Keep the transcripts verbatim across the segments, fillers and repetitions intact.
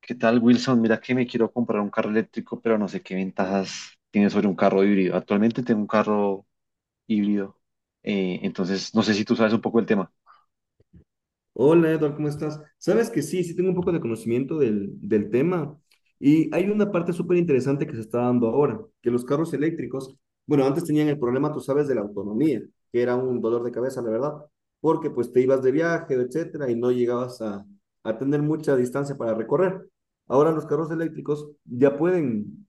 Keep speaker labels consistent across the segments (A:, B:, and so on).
A: ¿Qué tal, Wilson? Mira que me quiero comprar un carro eléctrico, pero no sé qué ventajas tiene sobre un carro híbrido. Actualmente tengo un carro híbrido, eh, entonces no sé si tú sabes un poco el tema.
B: Hola Edward, ¿cómo estás? Sabes que sí, sí tengo un poco de conocimiento del, del tema y hay una parte súper interesante que se está dando ahora, que los carros eléctricos, bueno, antes tenían el problema, tú sabes, de la autonomía, que era un dolor de cabeza, la verdad, porque pues te ibas de viaje, etcétera, y no llegabas a, a tener mucha distancia para recorrer. Ahora los carros eléctricos ya pueden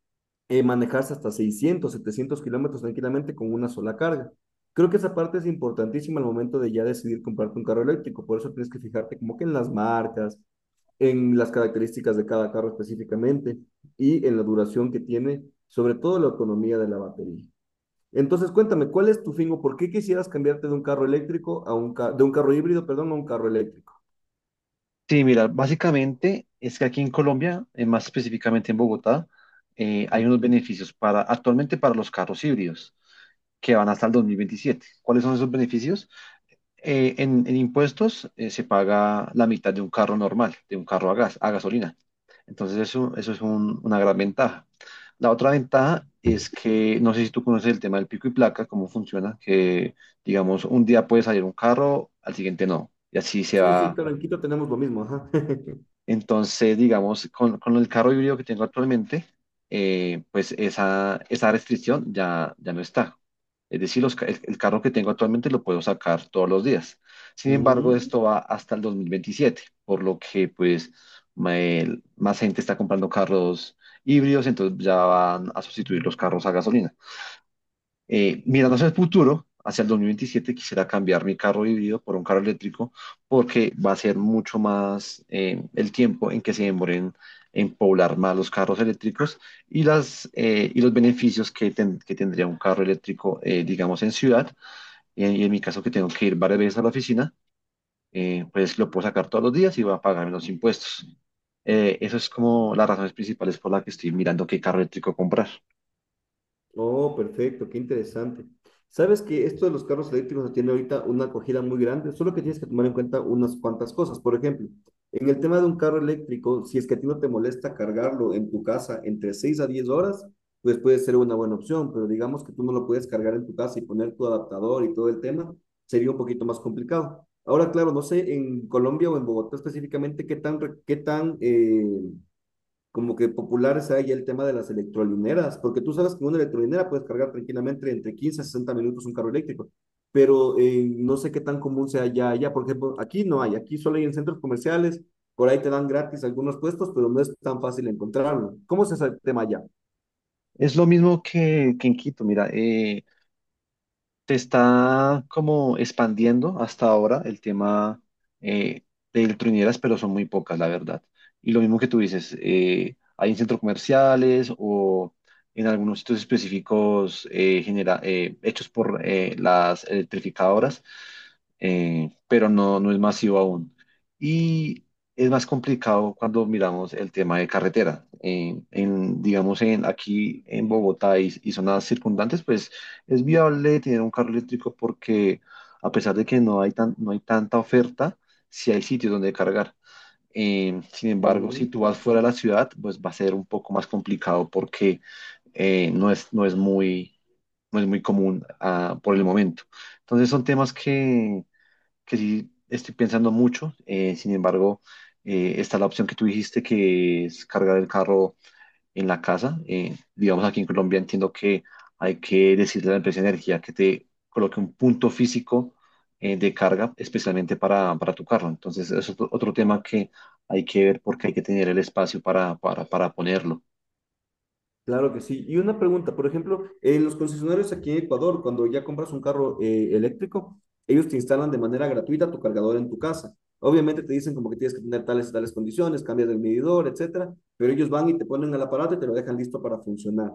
B: eh, manejarse hasta seiscientos, setecientos kilómetros tranquilamente con una sola carga. Creo que esa parte es importantísima al momento de ya decidir comprarte un carro eléctrico, por eso tienes que fijarte como que en las marcas, en las características de cada carro específicamente y en la duración que tiene, sobre todo la autonomía de la batería. Entonces, cuéntame, ¿cuál es tu fin o por qué quisieras cambiarte de un carro eléctrico a un ca- de un carro híbrido, perdón, a un carro eléctrico?
A: Sí, mira, básicamente es que aquí en Colombia, eh, más específicamente en Bogotá, eh,
B: Mm.
A: hay unos beneficios para actualmente para los carros híbridos que van hasta el dos mil veintisiete. ¿Cuáles son esos beneficios? eh, en, en impuestos eh, se paga la mitad de un carro normal, de un carro a gas, a gasolina. Entonces eso, eso es un- una gran ventaja. La otra ventaja es que, no sé si tú conoces el tema del pico y placa, cómo funciona, que digamos, un día puede salir un carro, al siguiente no. Y así se
B: Sí, sí,
A: va,
B: claro, en Quito tenemos lo mismo, ajá.
A: entonces, digamos, con, con el carro híbrido que tengo actualmente, eh, pues esa, esa restricción ya, ya no está. Es decir, los ca- el, el carro que tengo actualmente lo puedo sacar todos los días. Sin embargo,
B: Mm.
A: esto va hasta el dos mil veintisiete, por lo que pues ma- el- más gente está comprando carros híbridos, entonces ya van a sustituir los carros a gasolina. Eh, mirando hacia el futuro, hacia el dos mil veintisiete, quisiera cambiar mi carro híbrido por un carro eléctrico porque va a ser mucho más, eh, el tiempo en que se demoren en poblar más los carros eléctricos, y, las, eh, y los beneficios que, ten- que tendría un carro eléctrico, eh, digamos, en ciudad. Y en, y en mi caso, que tengo que ir varias veces a la oficina, eh, pues lo puedo sacar todos los días y va a pagar menos impuestos. Eh, eso es como las razones principales por las que estoy mirando qué carro eléctrico comprar.
B: Oh, perfecto, qué interesante. Sabes que esto de los carros eléctricos tiene ahorita una acogida muy grande, solo que tienes que tomar en cuenta unas cuantas cosas. Por ejemplo, en el tema de un carro eléctrico, si es que a ti no te molesta cargarlo en tu casa entre seis a diez horas, pues puede ser una buena opción, pero digamos que tú no lo puedes cargar en tu casa y poner tu adaptador y todo el tema, sería un poquito más complicado. Ahora, claro, no sé en Colombia o en Bogotá específicamente qué tan, re- qué tan eh, como que popular sea ya el tema de las electrolineras, porque tú sabes que una electrolinera puedes cargar tranquilamente entre quince a sesenta minutos un carro eléctrico, pero eh, no sé qué tan común sea ya allá. Por ejemplo, aquí no hay, aquí solo hay en centros comerciales, por ahí te dan gratis algunos puestos, pero no es tan fácil encontrarlo. ¿Cómo es ese tema allá?
A: Es lo mismo que, que en Quito, mira, eh, se está como expandiendo hasta ahora el tema, eh, de ultrañeras, pero son muy pocas, la verdad. Y lo mismo que tú dices, eh, hay en centros comerciales o en algunos sitios específicos, eh, genera- eh, hechos por eh, las electrificadoras, eh, pero no, no es masivo aún. Y es más complicado cuando miramos el tema de carretera. Eh, en, digamos, en, aquí en Bogotá y, y zonas circundantes, pues es viable tener un carro eléctrico porque, a pesar de que no hay, tan, no hay tanta oferta, sí hay sitios donde cargar. Eh, sin embargo, si
B: Mm.
A: tú vas fuera de la ciudad, pues va a ser un poco más complicado porque, eh, no es, no es muy, no es muy común, ah, por el momento. Entonces son temas que, que sí estoy pensando mucho. Eh, sin embargo, eh, está la opción que tú dijiste, que es cargar el carro en la casa. Eh, digamos, aquí en Colombia entiendo que hay que decirle a la empresa de energía que te coloque un punto físico, eh, de carga, especialmente para, para tu carro. Entonces, es otro, otro tema que hay que ver, porque hay que tener el espacio para, para, para ponerlo.
B: Claro que sí. Y una pregunta, por ejemplo, en los concesionarios aquí en Ecuador, cuando ya compras un carro eh, eléctrico, ellos te instalan de manera gratuita tu cargador en tu casa. Obviamente te dicen como que tienes que tener tales y tales condiciones, cambias el medidor, etcétera, pero ellos van y te ponen el aparato y te lo dejan listo para funcionar.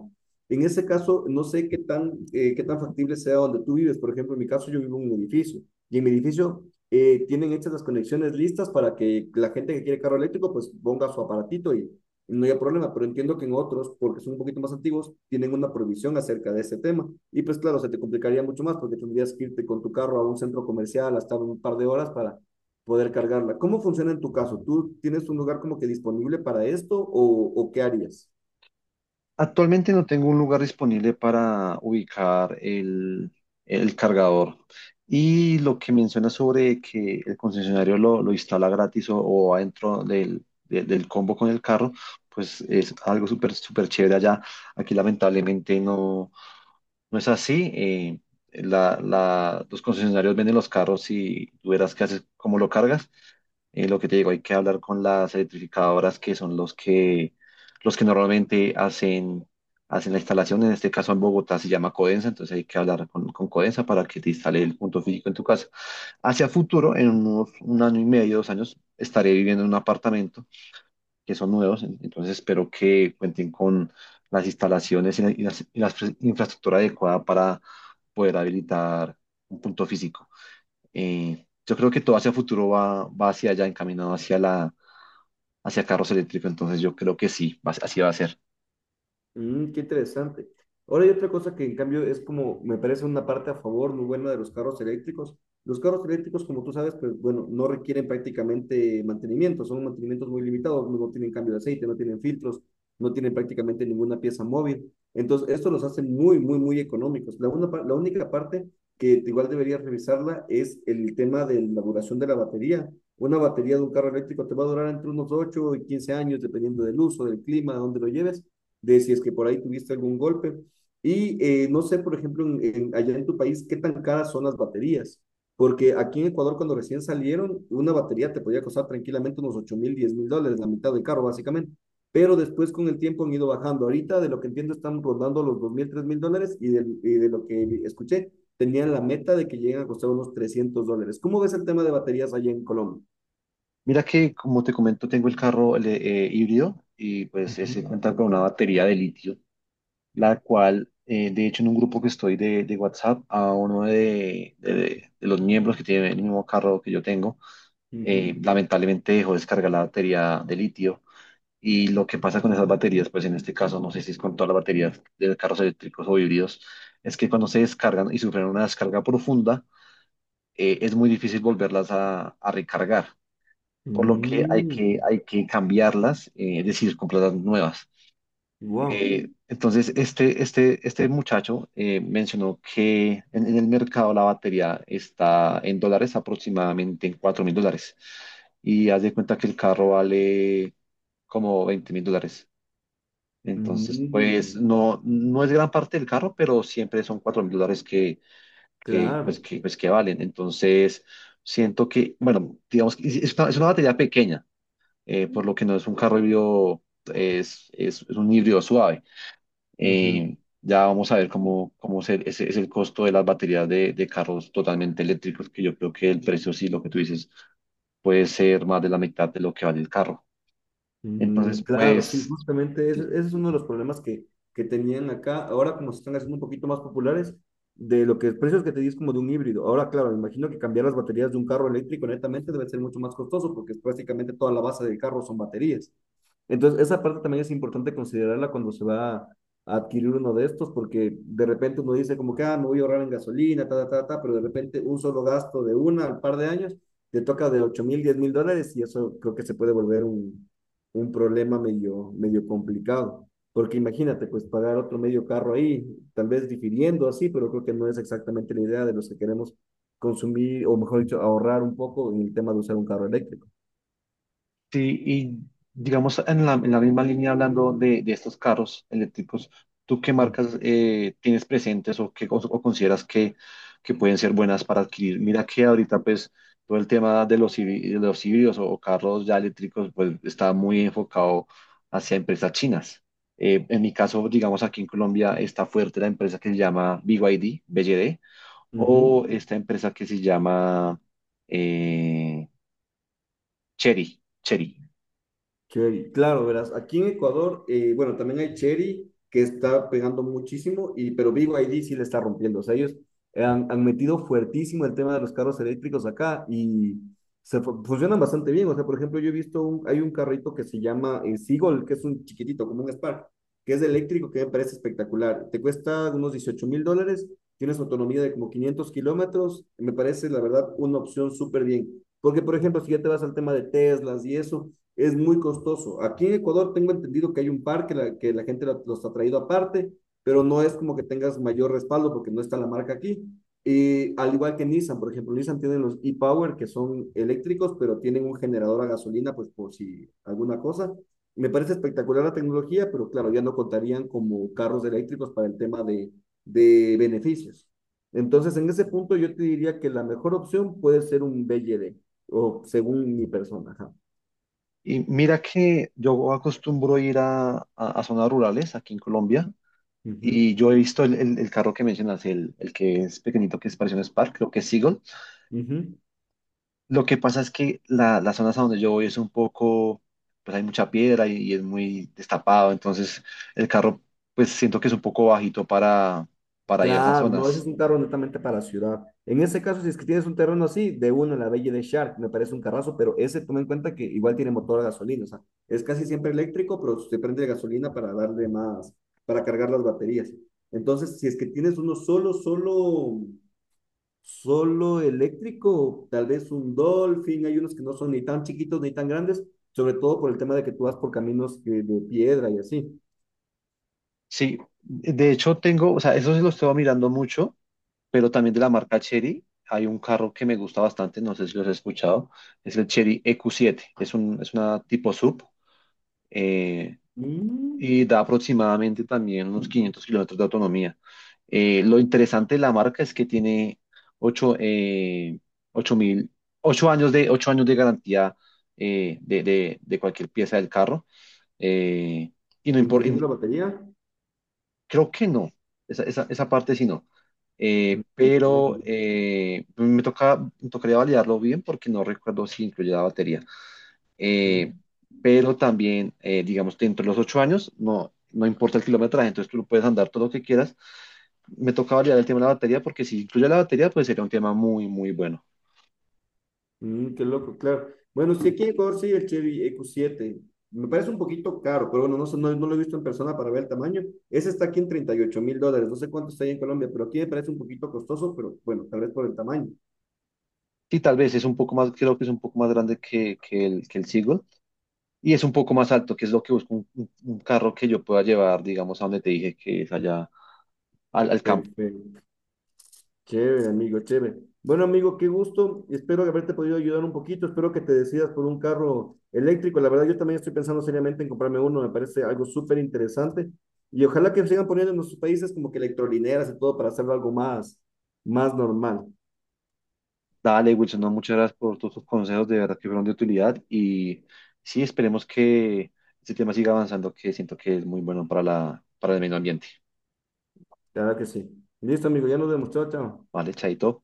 B: En ese caso, no sé qué tan, eh, qué tan factible sea donde tú vives. Por ejemplo, en mi caso, yo vivo en un edificio y en mi edificio eh, tienen hechas las conexiones listas para que la gente que quiere carro eléctrico pues ponga su aparatito y no haya problema, pero entiendo que en otros, porque son un poquito más antiguos, tienen una prohibición acerca de ese tema. Y pues claro, se te complicaría mucho más porque tendrías que irte con tu carro a un centro comercial hasta un par de horas para poder cargarla. ¿Cómo funciona en tu caso? ¿Tú tienes un lugar como que disponible para esto o, o qué harías?
A: Actualmente no tengo un lugar disponible para ubicar el, el cargador. Y lo que menciona sobre que el concesionario lo, lo instala gratis, o, o adentro del, de- del combo con el carro, pues es algo súper súper chévere allá. Aquí lamentablemente no. No es así. Eh, la- la- los concesionarios venden los carros y tú verás qué haces, cómo lo cargas. Eh, lo que te digo, hay que hablar con las electrificadoras que son los que, los que normalmente hacen, hacen la instalación. En este caso, en Bogotá se llama Codensa, entonces hay que hablar con, con Codensa para que te instale el punto físico en tu casa. Hacia futuro, en unos, un año y medio, dos años, estaré viviendo en un apartamento que son nuevos. En- Entonces espero que cuenten con las instalaciones, y la, y las- y las pre- infraestructura adecuada para poder habilitar un punto físico. Eh, yo creo que todo hacia futuro va, va hacia allá, encaminado hacia la, hacia carros eléctricos, entonces yo creo que sí, va- así va a ser.
B: Mm, qué interesante. Ahora hay otra cosa que en cambio es como, me parece una parte a favor muy buena de los carros eléctricos. Los carros eléctricos, como tú sabes, pues bueno, no requieren prácticamente mantenimiento, son mantenimientos muy limitados, no no tienen cambio de aceite, no tienen filtros, no tienen prácticamente ninguna pieza móvil. Entonces, esto los hace muy, muy, muy económicos. La, una par- la única parte que igual deberías revisarla es el tema de la duración de la batería. Una batería de un carro eléctrico te va a durar entre unos ocho y quince años, dependiendo del uso, del clima, de dónde lo lleves de si es que por ahí tuviste algún golpe. Y eh, no sé, por ejemplo, en, en, allá en tu país, qué tan caras son las baterías. Porque aquí en Ecuador, cuando recién salieron, una batería te podía costar tranquilamente unos ocho mil, diez mil dólares, la mitad del carro, básicamente. Pero después, con el tiempo, han ido bajando. Ahorita, de lo que entiendo, están rondando los dos mil, tres mil dólares. Y de, y de lo que escuché, tenían la meta de que lleguen a costar unos trescientos dólares. ¿Cómo ves el tema de baterías allá en Colombia?
A: Mira que, como te comento, tengo el carro, el, eh, híbrido, y pues
B: Ujú,
A: ese cuenta con una batería de litio. la cual, eh, de hecho, en un grupo que estoy de, de WhatsApp, a uno de, de- de- de los miembros que tiene el mismo carro que yo tengo, eh,
B: ujú.
A: lamentablemente dejó descargar la batería de litio. Y lo que pasa con esas baterías, pues en este caso, no sé si es con todas las baterías de carros eléctricos o híbridos, es que cuando se descargan y sufren una descarga profunda, eh, es muy difícil volverlas a, a recargar, por lo que hay que,
B: Mm,
A: hay que cambiarlas, eh, es decir, comprar las nuevas.
B: wow.
A: Eh, entonces, este, este, este muchacho eh, mencionó que en, en el mercado la batería está en dólares, aproximadamente en cuatro mil dólares. Y haz de cuenta que el carro vale como veinte mil dólares. Entonces, pues
B: Mm.
A: no, no es gran parte del carro, pero siempre son cuatro mil dólares que, que,
B: Claro.
A: pues, que, pues, que valen. Entonces, siento que, bueno, digamos que es es una, es una batería pequeña, eh, por lo que no es un carro híbrido, es, es es un híbrido suave.
B: Ujú.
A: Eh, ya vamos a ver cómo, cómo se- ese es el costo de las baterías de, de carros totalmente eléctricos, que yo creo que el precio, sí, lo que tú dices, puede ser más de la mitad de lo que vale el carro.
B: Mm,
A: Entonces,
B: claro, sí,
A: pues,
B: justamente ese, ese es uno de los problemas que, que tenían acá. Ahora como se están haciendo un poquito más populares, de lo que precios que te di es como de un híbrido. Ahora, claro, me imagino que cambiar las baterías de un carro eléctrico netamente debe ser mucho más costoso porque es prácticamente toda la base del carro son baterías. Entonces, esa parte también es importante considerarla cuando se va a adquirir uno de estos porque de repente uno dice como que, ah, me voy a ahorrar en gasolina, ta, ta, ta, ta, pero de repente un solo gasto de una al par de años te toca de ocho mil, diez mil dólares y eso creo que se puede volver un un problema medio, medio complicado. Porque imagínate, pues pagar otro medio carro ahí, tal vez difiriendo así, pero creo que no es exactamente la idea de los que queremos consumir, o mejor dicho, ahorrar un poco en el tema de usar un carro eléctrico.
A: Sí, y digamos en la, en la misma línea, hablando de, de estos carros eléctricos, ¿tú qué
B: Mm.
A: marcas eh, tienes presentes, o qué, o, o consideras que, que pueden ser buenas para adquirir? Mira que ahorita, pues, todo el tema de los, híbri- de los híbridos, o, o carros ya eléctricos, pues está muy enfocado hacia empresas chinas. Eh, en mi caso, digamos, aquí en Colombia está fuerte la empresa que se llama B Y D, B Y D,
B: Ujú.
A: o esta empresa que se llama, eh, Chery, Chery.
B: Cherry, claro, verás, aquí en Ecuador, eh, bueno, también hay Cherry que está pegando muchísimo, y, pero B Y D sí le está rompiendo. O sea, ellos han, han metido fuertísimo el tema de los carros eléctricos acá y se fu- funcionan bastante bien. O sea, por ejemplo, yo he visto, un, hay un carrito que se llama eh, Seagull, que es un chiquitito, como un Spark, que es eléctrico, que me parece espectacular. Te cuesta unos dieciocho mil dólares, tienes autonomía de como quinientos kilómetros, me parece, la verdad, una opción súper bien. Porque, por ejemplo, si ya te vas al tema de Teslas y eso, es muy costoso. Aquí en Ecuador tengo entendido que hay un par que la, que la gente los ha traído aparte, pero no es como que tengas mayor respaldo porque no está la marca aquí. Y al igual que Nissan, por ejemplo, Nissan tiene los e-Power que son eléctricos, pero tienen un generador a gasolina, pues por si alguna cosa. Me parece espectacular la tecnología, pero claro, ya no contarían como carros eléctricos para el tema de, de beneficios. Entonces, en ese punto yo te diría que la mejor opción puede ser un B L D, o según mi persona. Ajá.
A: Y mira que yo acostumbro ir a, a- a zonas rurales aquí en Colombia,
B: Ujú.
A: y yo he visto el, el- el carro que mencionas, el, el que es pequeñito, que es parecido a un Spark, creo que es Seagull.
B: Ujú,
A: Lo que pasa es que la, las zonas a donde yo voy es un poco, pues hay mucha piedra y, y es muy destapado, entonces el carro, pues, siento que es un poco bajito para, para ir a esas
B: claro, no, ese es
A: zonas.
B: un carro netamente para ciudad. En ese caso, si es que tienes un terreno así, de uno, la Belle de Shark, me parece un carrazo, pero ese toma en cuenta que igual tiene motor a gasolina, o sea, es casi siempre eléctrico, pero se prende de gasolina para darle más, para cargar las baterías. Entonces, si es que tienes uno solo, solo, solo eléctrico, tal vez un Dolphin, hay unos que no son ni tan chiquitos ni tan grandes, sobre todo por el tema de que tú vas por caminos que- de piedra y así.
A: Sí, de hecho tengo, o sea, eso sí lo estoy mirando mucho, pero también de la marca Chery. Hay un carro que me gusta bastante, no sé si los has escuchado, es el Chery E Q siete, es, un, es una tipo sub, eh,
B: Mm,
A: y da aproximadamente también unos quinientos kilómetros de autonomía. Eh, lo interesante de la marca es que tiene ocho eh, ocho mil, ocho años de, ocho años de garantía, eh, de, de- de cualquier pieza del carro, eh, y no impor-.
B: incluyendo la batería.
A: Creo que no, esa, esa, esa parte sí no.
B: Mm.
A: Eh, pero,
B: Mm.
A: eh, pues, me toca, me tocaría validarlo bien porque no recuerdo si incluye la batería. Eh,
B: Mm,
A: pero también, eh, digamos, dentro de los ocho años, no, no importa el kilometraje, entonces tú lo puedes andar todo lo que quieras. Me toca validar el tema de la batería porque si incluye la batería, pues sería un tema muy, muy bueno.
B: mm, qué loco, claro. Bueno, sí, aquí en Ecuador sí, el Chevy eq siete. Me parece un poquito caro, pero bueno, no, sé, no, no lo he visto en persona para ver el tamaño. Ese está aquí en treinta y ocho mil dólares. No sé cuánto está ahí en Colombia, pero aquí me parece un poquito costoso, pero bueno, tal vez por el tamaño.
A: Sí, tal vez es un poco más, creo que es un poco más grande que, que el, que el Seagull, y es un poco más alto, que es lo que busco, un, un- un carro que yo pueda llevar, digamos, a donde te dije que es allá, al, al campo.
B: Perfecto. Chévere, amigo, chévere. Bueno, amigo, qué gusto. Espero haberte podido ayudar un poquito. Espero que te decidas por un carro eléctrico. La verdad, yo también estoy pensando seriamente en comprarme uno. Me parece algo súper interesante. Y ojalá que sigan poniendo en nuestros países como que electrolineras y todo para hacerlo algo más, más normal.
A: Dale, Wilson, no, muchas gracias por todos tus consejos, de verdad que fueron de utilidad, y sí, esperemos que este tema siga avanzando, que siento que es muy bueno para la, para el medio ambiente.
B: La verdad que sí. Listo, amigo, ya nos demostró, chao. Chao.
A: Vale, chaito.